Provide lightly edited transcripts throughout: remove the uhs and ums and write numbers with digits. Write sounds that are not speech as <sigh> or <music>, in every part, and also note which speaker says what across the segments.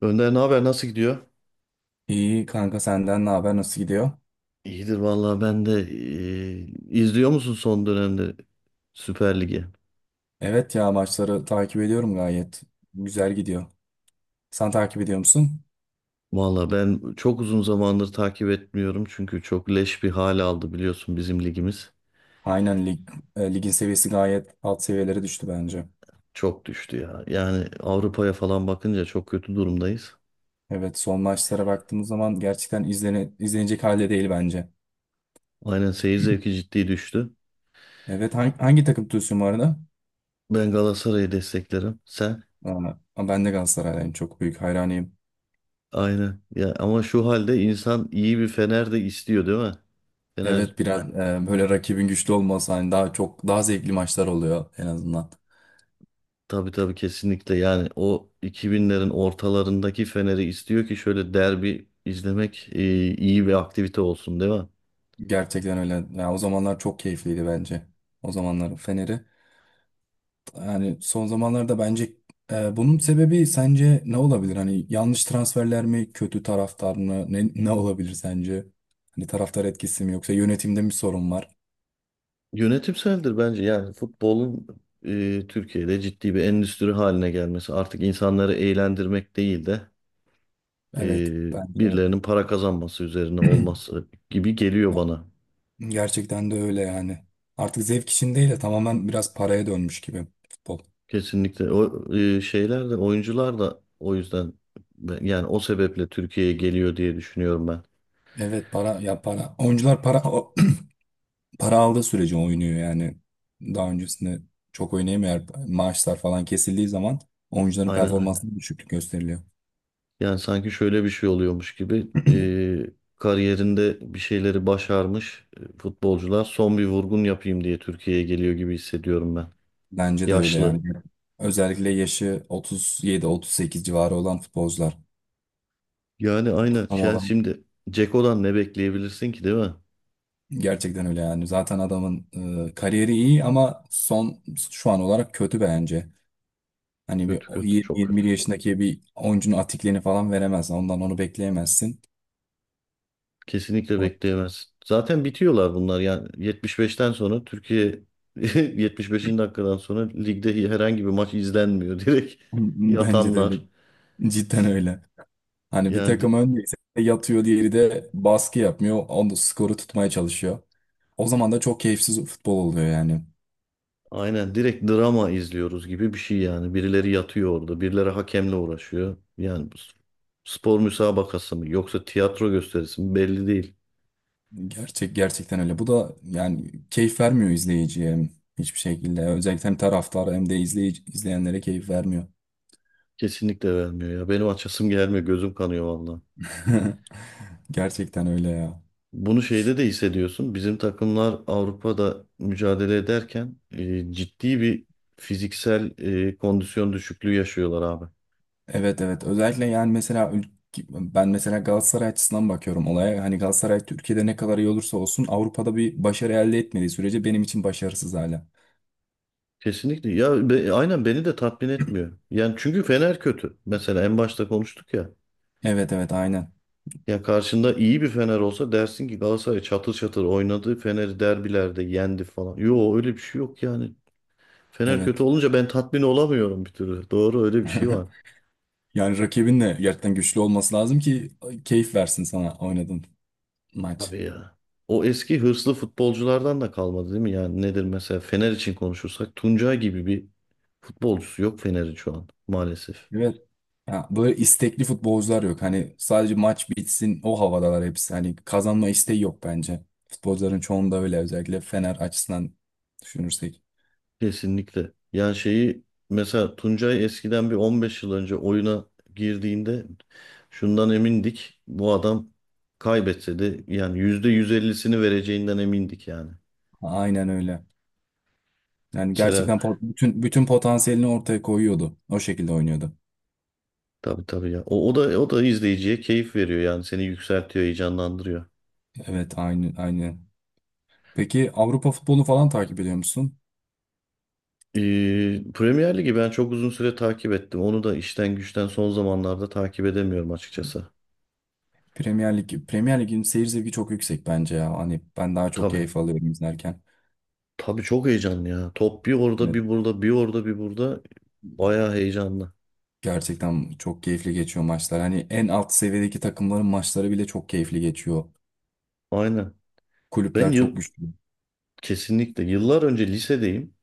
Speaker 1: Önder ne haber? Nasıl gidiyor?
Speaker 2: İyi kanka, senden ne haber, nasıl gidiyor?
Speaker 1: İyidir vallahi ben de izliyor musun son dönemde Süper Lig'i?
Speaker 2: Evet ya, maçları takip ediyorum gayet. Güzel gidiyor. Sen takip ediyor musun?
Speaker 1: Vallahi ben çok uzun zamandır takip etmiyorum çünkü çok leş bir hal aldı biliyorsun bizim ligimiz.
Speaker 2: Aynen, ligin seviyesi gayet alt seviyelere düştü bence.
Speaker 1: Çok düştü ya. Yani Avrupa'ya falan bakınca çok kötü durumdayız.
Speaker 2: Evet, son maçlara baktığımız zaman gerçekten izlenecek halde değil bence.
Speaker 1: Aynen, seyir zevki ciddi düştü.
Speaker 2: Evet, hangi takım tutuyorsun bu arada?
Speaker 1: Ben Galatasaray'ı desteklerim. Sen?
Speaker 2: Aa, ben de Galatasaraylıyım, çok büyük hayranıyım.
Speaker 1: Aynen. Ya ama şu halde insan iyi bir Fener de istiyor değil mi? Fener
Speaker 2: Evet, biraz böyle rakibin güçlü olması hani daha çok daha zevkli maçlar oluyor en azından.
Speaker 1: Tabii tabii, kesinlikle, yani o 2000'lerin ortalarındaki Fener'i istiyor ki şöyle derbi izlemek iyi bir aktivite olsun değil mi?
Speaker 2: Gerçekten öyle. Ya, o zamanlar çok keyifliydi bence. O zamanlar Fener'i. Yani son zamanlarda bence bunun sebebi sence ne olabilir? Hani yanlış transferler mi, kötü taraftar mı? Ne olabilir sence? Hani taraftar etkisi mi yoksa yönetimde mi sorun var?
Speaker 1: Yönetimseldir bence, yani futbolun Türkiye'de ciddi bir endüstri haline gelmesi, artık insanları eğlendirmek değil de e,
Speaker 2: Evet bence
Speaker 1: birilerinin para kazanması üzerine
Speaker 2: <clears throat>
Speaker 1: olması gibi geliyor bana.
Speaker 2: gerçekten de öyle yani. Artık zevk için değil de tamamen biraz paraya dönmüş gibi futbol.
Speaker 1: Kesinlikle o şeyler de, oyuncular da o yüzden yani o sebeple Türkiye'ye geliyor diye düşünüyorum ben.
Speaker 2: Evet, para ya para. Oyuncular para <clears throat> para aldığı sürece oynuyor yani. Daha öncesinde çok oynayamıyor. Maaşlar falan kesildiği zaman oyuncuların
Speaker 1: Aynen. Aynen.
Speaker 2: performansında düşüklük gösteriliyor.
Speaker 1: Yani sanki şöyle bir şey oluyormuş gibi kariyerinde bir şeyleri başarmış futbolcular son bir vurgun yapayım diye Türkiye'ye geliyor gibi hissediyorum ben.
Speaker 2: Bence de öyle yani.
Speaker 1: Yaşlı.
Speaker 2: Özellikle yaşı 37-38 civarı olan futbolcular.
Speaker 1: Yani aynen, yani
Speaker 2: Ama
Speaker 1: şimdi Ceko'dan ne bekleyebilirsin ki değil mi?
Speaker 2: gerçekten öyle yani. Zaten adamın kariyeri iyi ama son, şu an olarak kötü bence. Hani bir
Speaker 1: Kötü kötü, çok kötü.
Speaker 2: 20-21 yaşındaki bir oyuncunun atikliğini falan veremez. Ondan onu bekleyemezsin.
Speaker 1: Kesinlikle
Speaker 2: O-
Speaker 1: bekleyemezsin. Zaten bitiyorlar bunlar, yani 75'ten sonra Türkiye <laughs> 75. dakikadan sonra ligde herhangi bir maç izlenmiyor, <laughs> direkt
Speaker 2: <laughs> Bence de öyle.
Speaker 1: yatanlar.
Speaker 2: Cidden öyle. Hani bir
Speaker 1: Yani
Speaker 2: takım öndeyse yatıyor, diğeri de baskı yapmıyor. Onu skoru tutmaya çalışıyor. O zaman da çok keyifsiz futbol oluyor yani.
Speaker 1: aynen, direkt drama izliyoruz gibi bir şey yani. Birileri yatıyor orada, birileri hakemle uğraşıyor. Yani bu spor müsabakası mı, yoksa tiyatro gösterisi mi belli değil.
Speaker 2: Gerçekten öyle. Bu da yani keyif vermiyor izleyiciye hiçbir şekilde. Özellikle hem taraftara hem de izleyenlere keyif vermiyor.
Speaker 1: Kesinlikle vermiyor ya. Benim açasım gelmiyor, gözüm kanıyor valla.
Speaker 2: <laughs> Gerçekten öyle ya.
Speaker 1: Bunu şeyde de hissediyorsun. Bizim takımlar Avrupa'da mücadele ederken ciddi bir fiziksel kondisyon düşüklüğü yaşıyorlar abi.
Speaker 2: Evet evet. Özellikle yani mesela ben mesela Galatasaray açısından bakıyorum olaya. Hani Galatasaray Türkiye'de ne kadar iyi olursa olsun Avrupa'da bir başarı elde etmediği sürece benim için başarısız hala.
Speaker 1: Kesinlikle. Ya aynen, beni de tatmin etmiyor. Yani çünkü Fener kötü. Mesela en başta konuştuk ya.
Speaker 2: Evet evet, aynen.
Speaker 1: Ya karşında iyi bir Fener olsa dersin ki Galatasaray çatır çatır oynadı, Fener'i derbilerde yendi falan. Yo, öyle bir şey yok yani. Fener kötü
Speaker 2: Evet.
Speaker 1: olunca ben tatmin olamıyorum bir türlü. Doğru, öyle bir şey var.
Speaker 2: <laughs> Yani rakibin de gerçekten güçlü olması lazım ki keyif versin sana oynadığın maç.
Speaker 1: Abi ya. O eski hırslı futbolculardan da kalmadı değil mi? Yani nedir, mesela Fener için konuşursak Tuncay gibi bir futbolcusu yok Fener'in şu an maalesef.
Speaker 2: Evet. Ya, böyle istekli futbolcular yok. Hani sadece maç bitsin, o havadalar hepsi. Hani kazanma isteği yok bence. Futbolcuların çoğunda öyle, özellikle Fener açısından düşünürsek.
Speaker 1: Kesinlikle. Yani şeyi, mesela Tuncay eskiden bir 15 yıl önce oyuna girdiğinde şundan emindik. Bu adam kaybetse de yani %150'sini vereceğinden emindik yani.
Speaker 2: Aynen öyle. Yani
Speaker 1: Mesela,
Speaker 2: gerçekten bütün potansiyelini ortaya koyuyordu. O şekilde oynuyordu.
Speaker 1: tabii tabii ya. O da o da izleyiciye keyif veriyor, yani seni yükseltiyor, heyecanlandırıyor.
Speaker 2: Evet, aynı aynı. Peki Avrupa futbolunu falan takip ediyor musun?
Speaker 1: Premier Ligi ben çok uzun süre takip ettim. Onu da işten güçten son zamanlarda takip edemiyorum açıkçası.
Speaker 2: Premier Lig'in seyir zevki çok yüksek bence ya. Hani ben daha çok
Speaker 1: Tabii.
Speaker 2: keyif alıyorum izlerken.
Speaker 1: Tabii, çok heyecanlı ya. Top bir orada
Speaker 2: Evet.
Speaker 1: bir burada, bir orada bir burada. Bayağı heyecanlı.
Speaker 2: Gerçekten çok keyifli geçiyor maçlar. Hani en alt seviyedeki takımların maçları bile çok keyifli geçiyor.
Speaker 1: Aynen. Ben
Speaker 2: Kulüpler çok
Speaker 1: yıl
Speaker 2: güçlü.
Speaker 1: Kesinlikle, yıllar önce lisedeyim.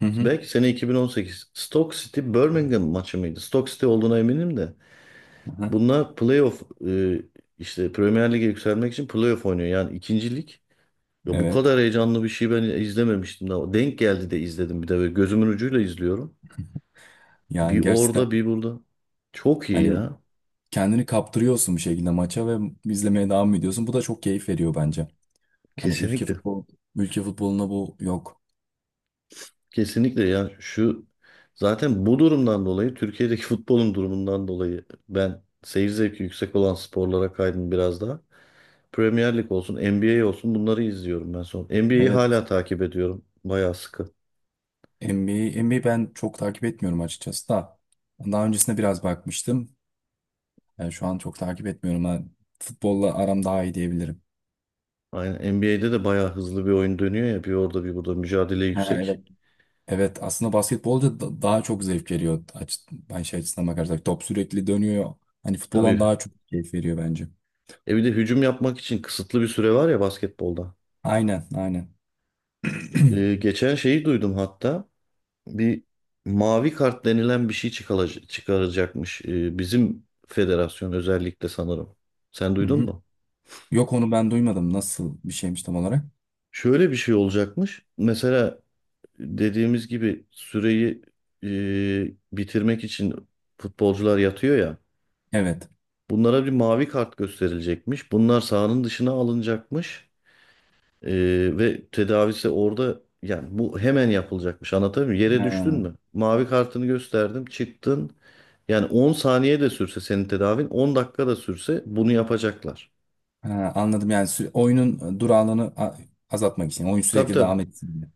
Speaker 2: Hı hı.
Speaker 1: Belki sene 2018. Stoke City Birmingham maçı mıydı? Stoke City olduğuna eminim de.
Speaker 2: Hı hı.
Speaker 1: Bunlar playoff, işte Premier Lig'e yükselmek için playoff oynuyor. Yani ikinci lig. Ya bu
Speaker 2: Evet.
Speaker 1: kadar heyecanlı bir şey ben izlememiştim daha. Denk geldi de izledim, bir de böyle gözümün ucuyla izliyorum.
Speaker 2: Yani
Speaker 1: Bir
Speaker 2: gerçekten
Speaker 1: orada bir burada. Çok iyi
Speaker 2: hani
Speaker 1: ya.
Speaker 2: kendini kaptırıyorsun bir şekilde maça ve izlemeye devam ediyorsun. Bu da çok keyif veriyor bence. Hani
Speaker 1: Kesinlikle.
Speaker 2: ülke futboluna bu yok.
Speaker 1: Kesinlikle ya, şu zaten bu durumdan dolayı, Türkiye'deki <laughs> futbolun durumundan dolayı ben seyir zevki yüksek olan sporlara kaydım biraz daha. Premier Lig olsun, NBA olsun, bunları izliyorum ben son. NBA'yi
Speaker 2: Evet.
Speaker 1: hala takip ediyorum bayağı sıkı.
Speaker 2: NBA ben çok takip etmiyorum açıkçası da. Daha öncesinde biraz bakmıştım. Yani şu an çok takip etmiyorum. Ben futbolla aram daha iyi diyebilirim.
Speaker 1: Aynen, NBA'de de bayağı hızlı bir oyun dönüyor ya, bir orada bir burada, mücadele
Speaker 2: Ha,
Speaker 1: yüksek.
Speaker 2: evet. Evet, aslında basketbolda daha çok zevk veriyor. Ben şey açısından bakarsak top sürekli dönüyor. Hani futboldan
Speaker 1: Tabii,
Speaker 2: daha çok keyif veriyor bence.
Speaker 1: bir de hücum yapmak için kısıtlı bir süre var ya basketbolda.
Speaker 2: Aynen aynen. <clears throat>
Speaker 1: Geçen şeyi duydum hatta. Bir mavi kart denilen bir şey çıkaracakmış bizim federasyon özellikle sanırım. Sen
Speaker 2: Hı
Speaker 1: duydun
Speaker 2: hı.
Speaker 1: mu?
Speaker 2: Yok, onu ben duymadım. Nasıl bir şeymiş tam olarak?
Speaker 1: Şöyle bir şey olacakmış. Mesela dediğimiz gibi süreyi bitirmek için futbolcular yatıyor ya.
Speaker 2: Evet.
Speaker 1: Bunlara bir mavi kart gösterilecekmiş, bunlar sahanın dışına alınacakmış. Ve tedavisi orada, yani bu hemen yapılacakmış, anlatabiliyor muyum? Yere düştün
Speaker 2: Ha,
Speaker 1: mü? Mavi kartını gösterdim, çıktın. Yani 10 saniye de sürse senin tedavin, 10 dakika da sürse bunu yapacaklar.
Speaker 2: ha, anladım, yani oyunun durağanlığını azaltmak için. Oyun
Speaker 1: Tabii
Speaker 2: sürekli
Speaker 1: tabii.
Speaker 2: devam etsin diye.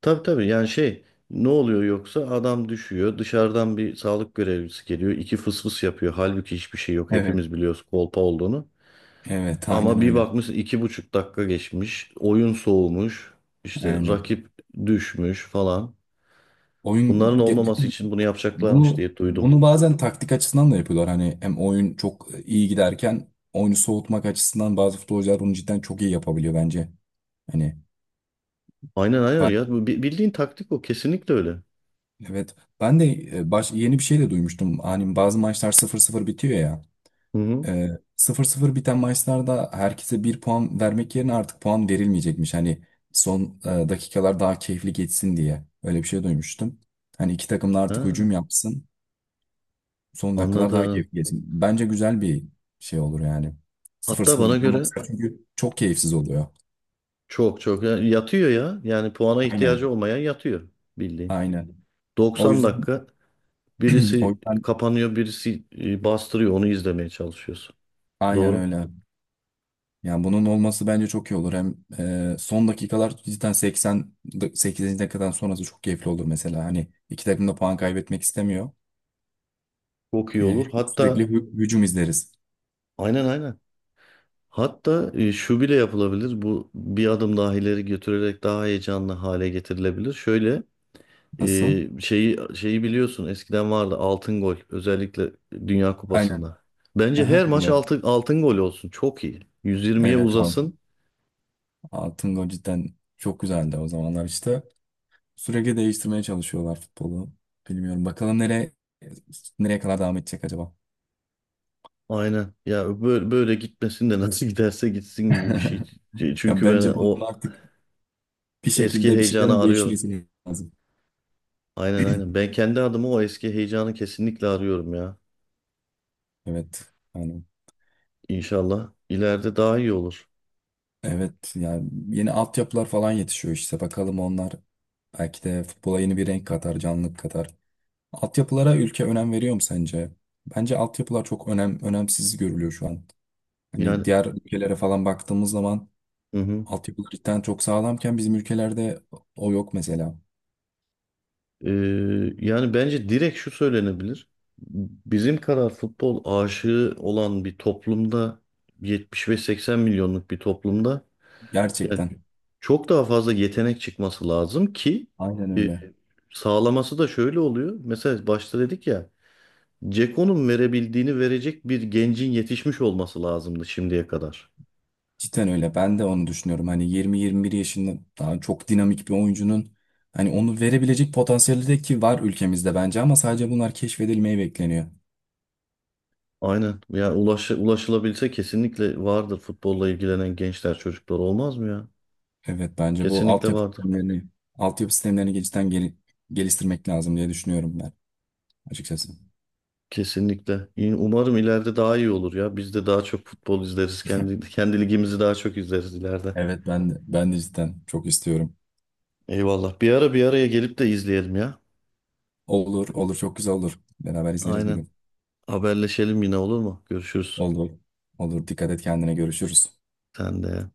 Speaker 1: Tabii tabii, yani şey, ne oluyor yoksa, adam düşüyor, dışarıdan bir sağlık görevlisi geliyor, iki fıs fıs yapıyor. Halbuki hiçbir şey yok,
Speaker 2: Evet.
Speaker 1: hepimiz biliyoruz kolpa olduğunu.
Speaker 2: Evet, aynen
Speaker 1: Ama bir
Speaker 2: öyle.
Speaker 1: bakmışsın iki buçuk dakika geçmiş, oyun soğumuş, işte
Speaker 2: Aynen.
Speaker 1: rakip düşmüş falan.
Speaker 2: Oyun
Speaker 1: Bunların
Speaker 2: ge-
Speaker 1: olmaması için bunu yapacaklarmış
Speaker 2: Bunu
Speaker 1: diye duydum.
Speaker 2: bunu bazen taktik açısından da yapıyorlar. Hani hem oyun çok iyi giderken oyunu soğutmak açısından bazı futbolcular bunu cidden çok iyi yapabiliyor bence. Hani
Speaker 1: Aynen aynen
Speaker 2: bak,
Speaker 1: ya. Bildiğin taktik o. Kesinlikle öyle.
Speaker 2: evet ben de yeni bir şey de duymuştum. Hani bazı maçlar sıfır sıfır bitiyor ya.
Speaker 1: Hı hı.
Speaker 2: E, sıfır 0 biten maçlarda herkese bir puan vermek yerine artık puan verilmeyecekmiş. Hani son dakikalar daha keyifli geçsin diye. Öyle bir şey duymuştum. Hani iki takım da artık
Speaker 1: Ha,
Speaker 2: hücum yapsın. Son dakikalar daha
Speaker 1: anladım.
Speaker 2: keyifli geçsin. Bence güzel bir şey olur yani.
Speaker 1: Hatta
Speaker 2: 0-0
Speaker 1: bana
Speaker 2: biten
Speaker 1: göre
Speaker 2: maçlar çünkü çok keyifsiz oluyor.
Speaker 1: çok çok, yani yatıyor ya. Yani puana ihtiyacı
Speaker 2: Aynen.
Speaker 1: olmayan yatıyor bildiğin.
Speaker 2: Aynen. O
Speaker 1: 90
Speaker 2: yüzden
Speaker 1: dakika
Speaker 2: <clears throat> o
Speaker 1: birisi
Speaker 2: yüzden
Speaker 1: kapanıyor, birisi bastırıyor. Onu izlemeye çalışıyorsun.
Speaker 2: aynen
Speaker 1: Doğru.
Speaker 2: öyle. Yani bunun olması bence çok iyi olur. Hem son dakikalar cidden 80 dakikadan sonrası çok keyifli olur mesela. Hani iki takım da puan kaybetmek istemiyor.
Speaker 1: Çok iyi
Speaker 2: Hem
Speaker 1: olur.
Speaker 2: sürekli
Speaker 1: Hatta
Speaker 2: hücum izleriz.
Speaker 1: aynen aynen. Hatta şu bile yapılabilir. Bu, bir adım daha ileri götürerek daha heyecanlı hale getirilebilir. Şöyle
Speaker 2: Nasıl?
Speaker 1: Şeyi biliyorsun, eskiden vardı altın gol özellikle Dünya
Speaker 2: Aynen.
Speaker 1: Kupası'nda. Bence
Speaker 2: Aha,
Speaker 1: her maç
Speaker 2: biliyorum.
Speaker 1: altın gol olsun. Çok iyi. 120'ye
Speaker 2: Evet abi.
Speaker 1: uzasın.
Speaker 2: Altın gol cidden çok güzeldi o zamanlar işte. Sürekli değiştirmeye çalışıyorlar futbolu. Bilmiyorum, bakalım nereye kadar devam edecek acaba?
Speaker 1: Aynen. Ya böyle gitmesin de <laughs> nasıl giderse gitsin gibi bir şey.
Speaker 2: <laughs> Ya
Speaker 1: Çünkü ben
Speaker 2: bence bunun
Speaker 1: o
Speaker 2: artık bir
Speaker 1: eski
Speaker 2: şekilde bir
Speaker 1: heyecanı
Speaker 2: şeylerin
Speaker 1: arıyorum.
Speaker 2: değişmesi lazım.
Speaker 1: Aynen aynen. Ben kendi adıma o eski heyecanı kesinlikle arıyorum ya.
Speaker 2: Evet. Yani
Speaker 1: İnşallah ileride daha iyi olur.
Speaker 2: evet, yani yeni altyapılar falan yetişiyor işte. Bakalım onlar belki de futbola yeni bir renk katar, canlılık katar. Altyapılara ülke önem veriyor mu sence? Bence altyapılar çok önemsiz görülüyor şu an.
Speaker 1: Yani,
Speaker 2: Hani diğer ülkelere falan baktığımız zaman
Speaker 1: hı hı.
Speaker 2: altyapılar cidden çok sağlamken bizim ülkelerde o yok mesela.
Speaker 1: Ee, Yani bence direkt şu söylenebilir. Bizim kadar futbol aşığı olan bir toplumda, 70 ve 80 milyonluk bir toplumda yani
Speaker 2: Gerçekten.
Speaker 1: çok daha fazla yetenek çıkması lazım ki
Speaker 2: Aynen
Speaker 1: e,
Speaker 2: öyle.
Speaker 1: sağlaması da şöyle oluyor. Mesela başta dedik ya, Ceko'nun verebildiğini verecek bir gencin yetişmiş olması lazımdı şimdiye kadar.
Speaker 2: Cidden öyle. Ben de onu düşünüyorum. Hani 20-21 yaşında daha çok dinamik bir oyuncunun hani onu verebilecek potansiyeli de ki var ülkemizde bence, ama sadece bunlar keşfedilmeyi bekleniyor.
Speaker 1: Aynen. Yani ulaşılabilse kesinlikle vardır futbolla ilgilenen gençler, çocuklar, olmaz mı ya?
Speaker 2: Evet bence bu
Speaker 1: Kesinlikle
Speaker 2: altyapı
Speaker 1: vardır.
Speaker 2: sistemlerini altyapı sistemlerini cidden geliştirmek lazım diye düşünüyorum ben açıkçası.
Speaker 1: Kesinlikle. Umarım ileride daha iyi olur ya. Biz de daha çok futbol izleriz. Kendi ligimizi daha çok izleriz ileride.
Speaker 2: Evet, ben de cidden çok istiyorum.
Speaker 1: Eyvallah. Bir ara bir araya gelip de izleyelim ya.
Speaker 2: Olur olur, çok güzel olur. Beraber izleriz bir
Speaker 1: Aynen.
Speaker 2: gün.
Speaker 1: Haberleşelim yine, olur mu? Görüşürüz.
Speaker 2: Olur. Olur, dikkat et kendine, görüşürüz.
Speaker 1: Sen de.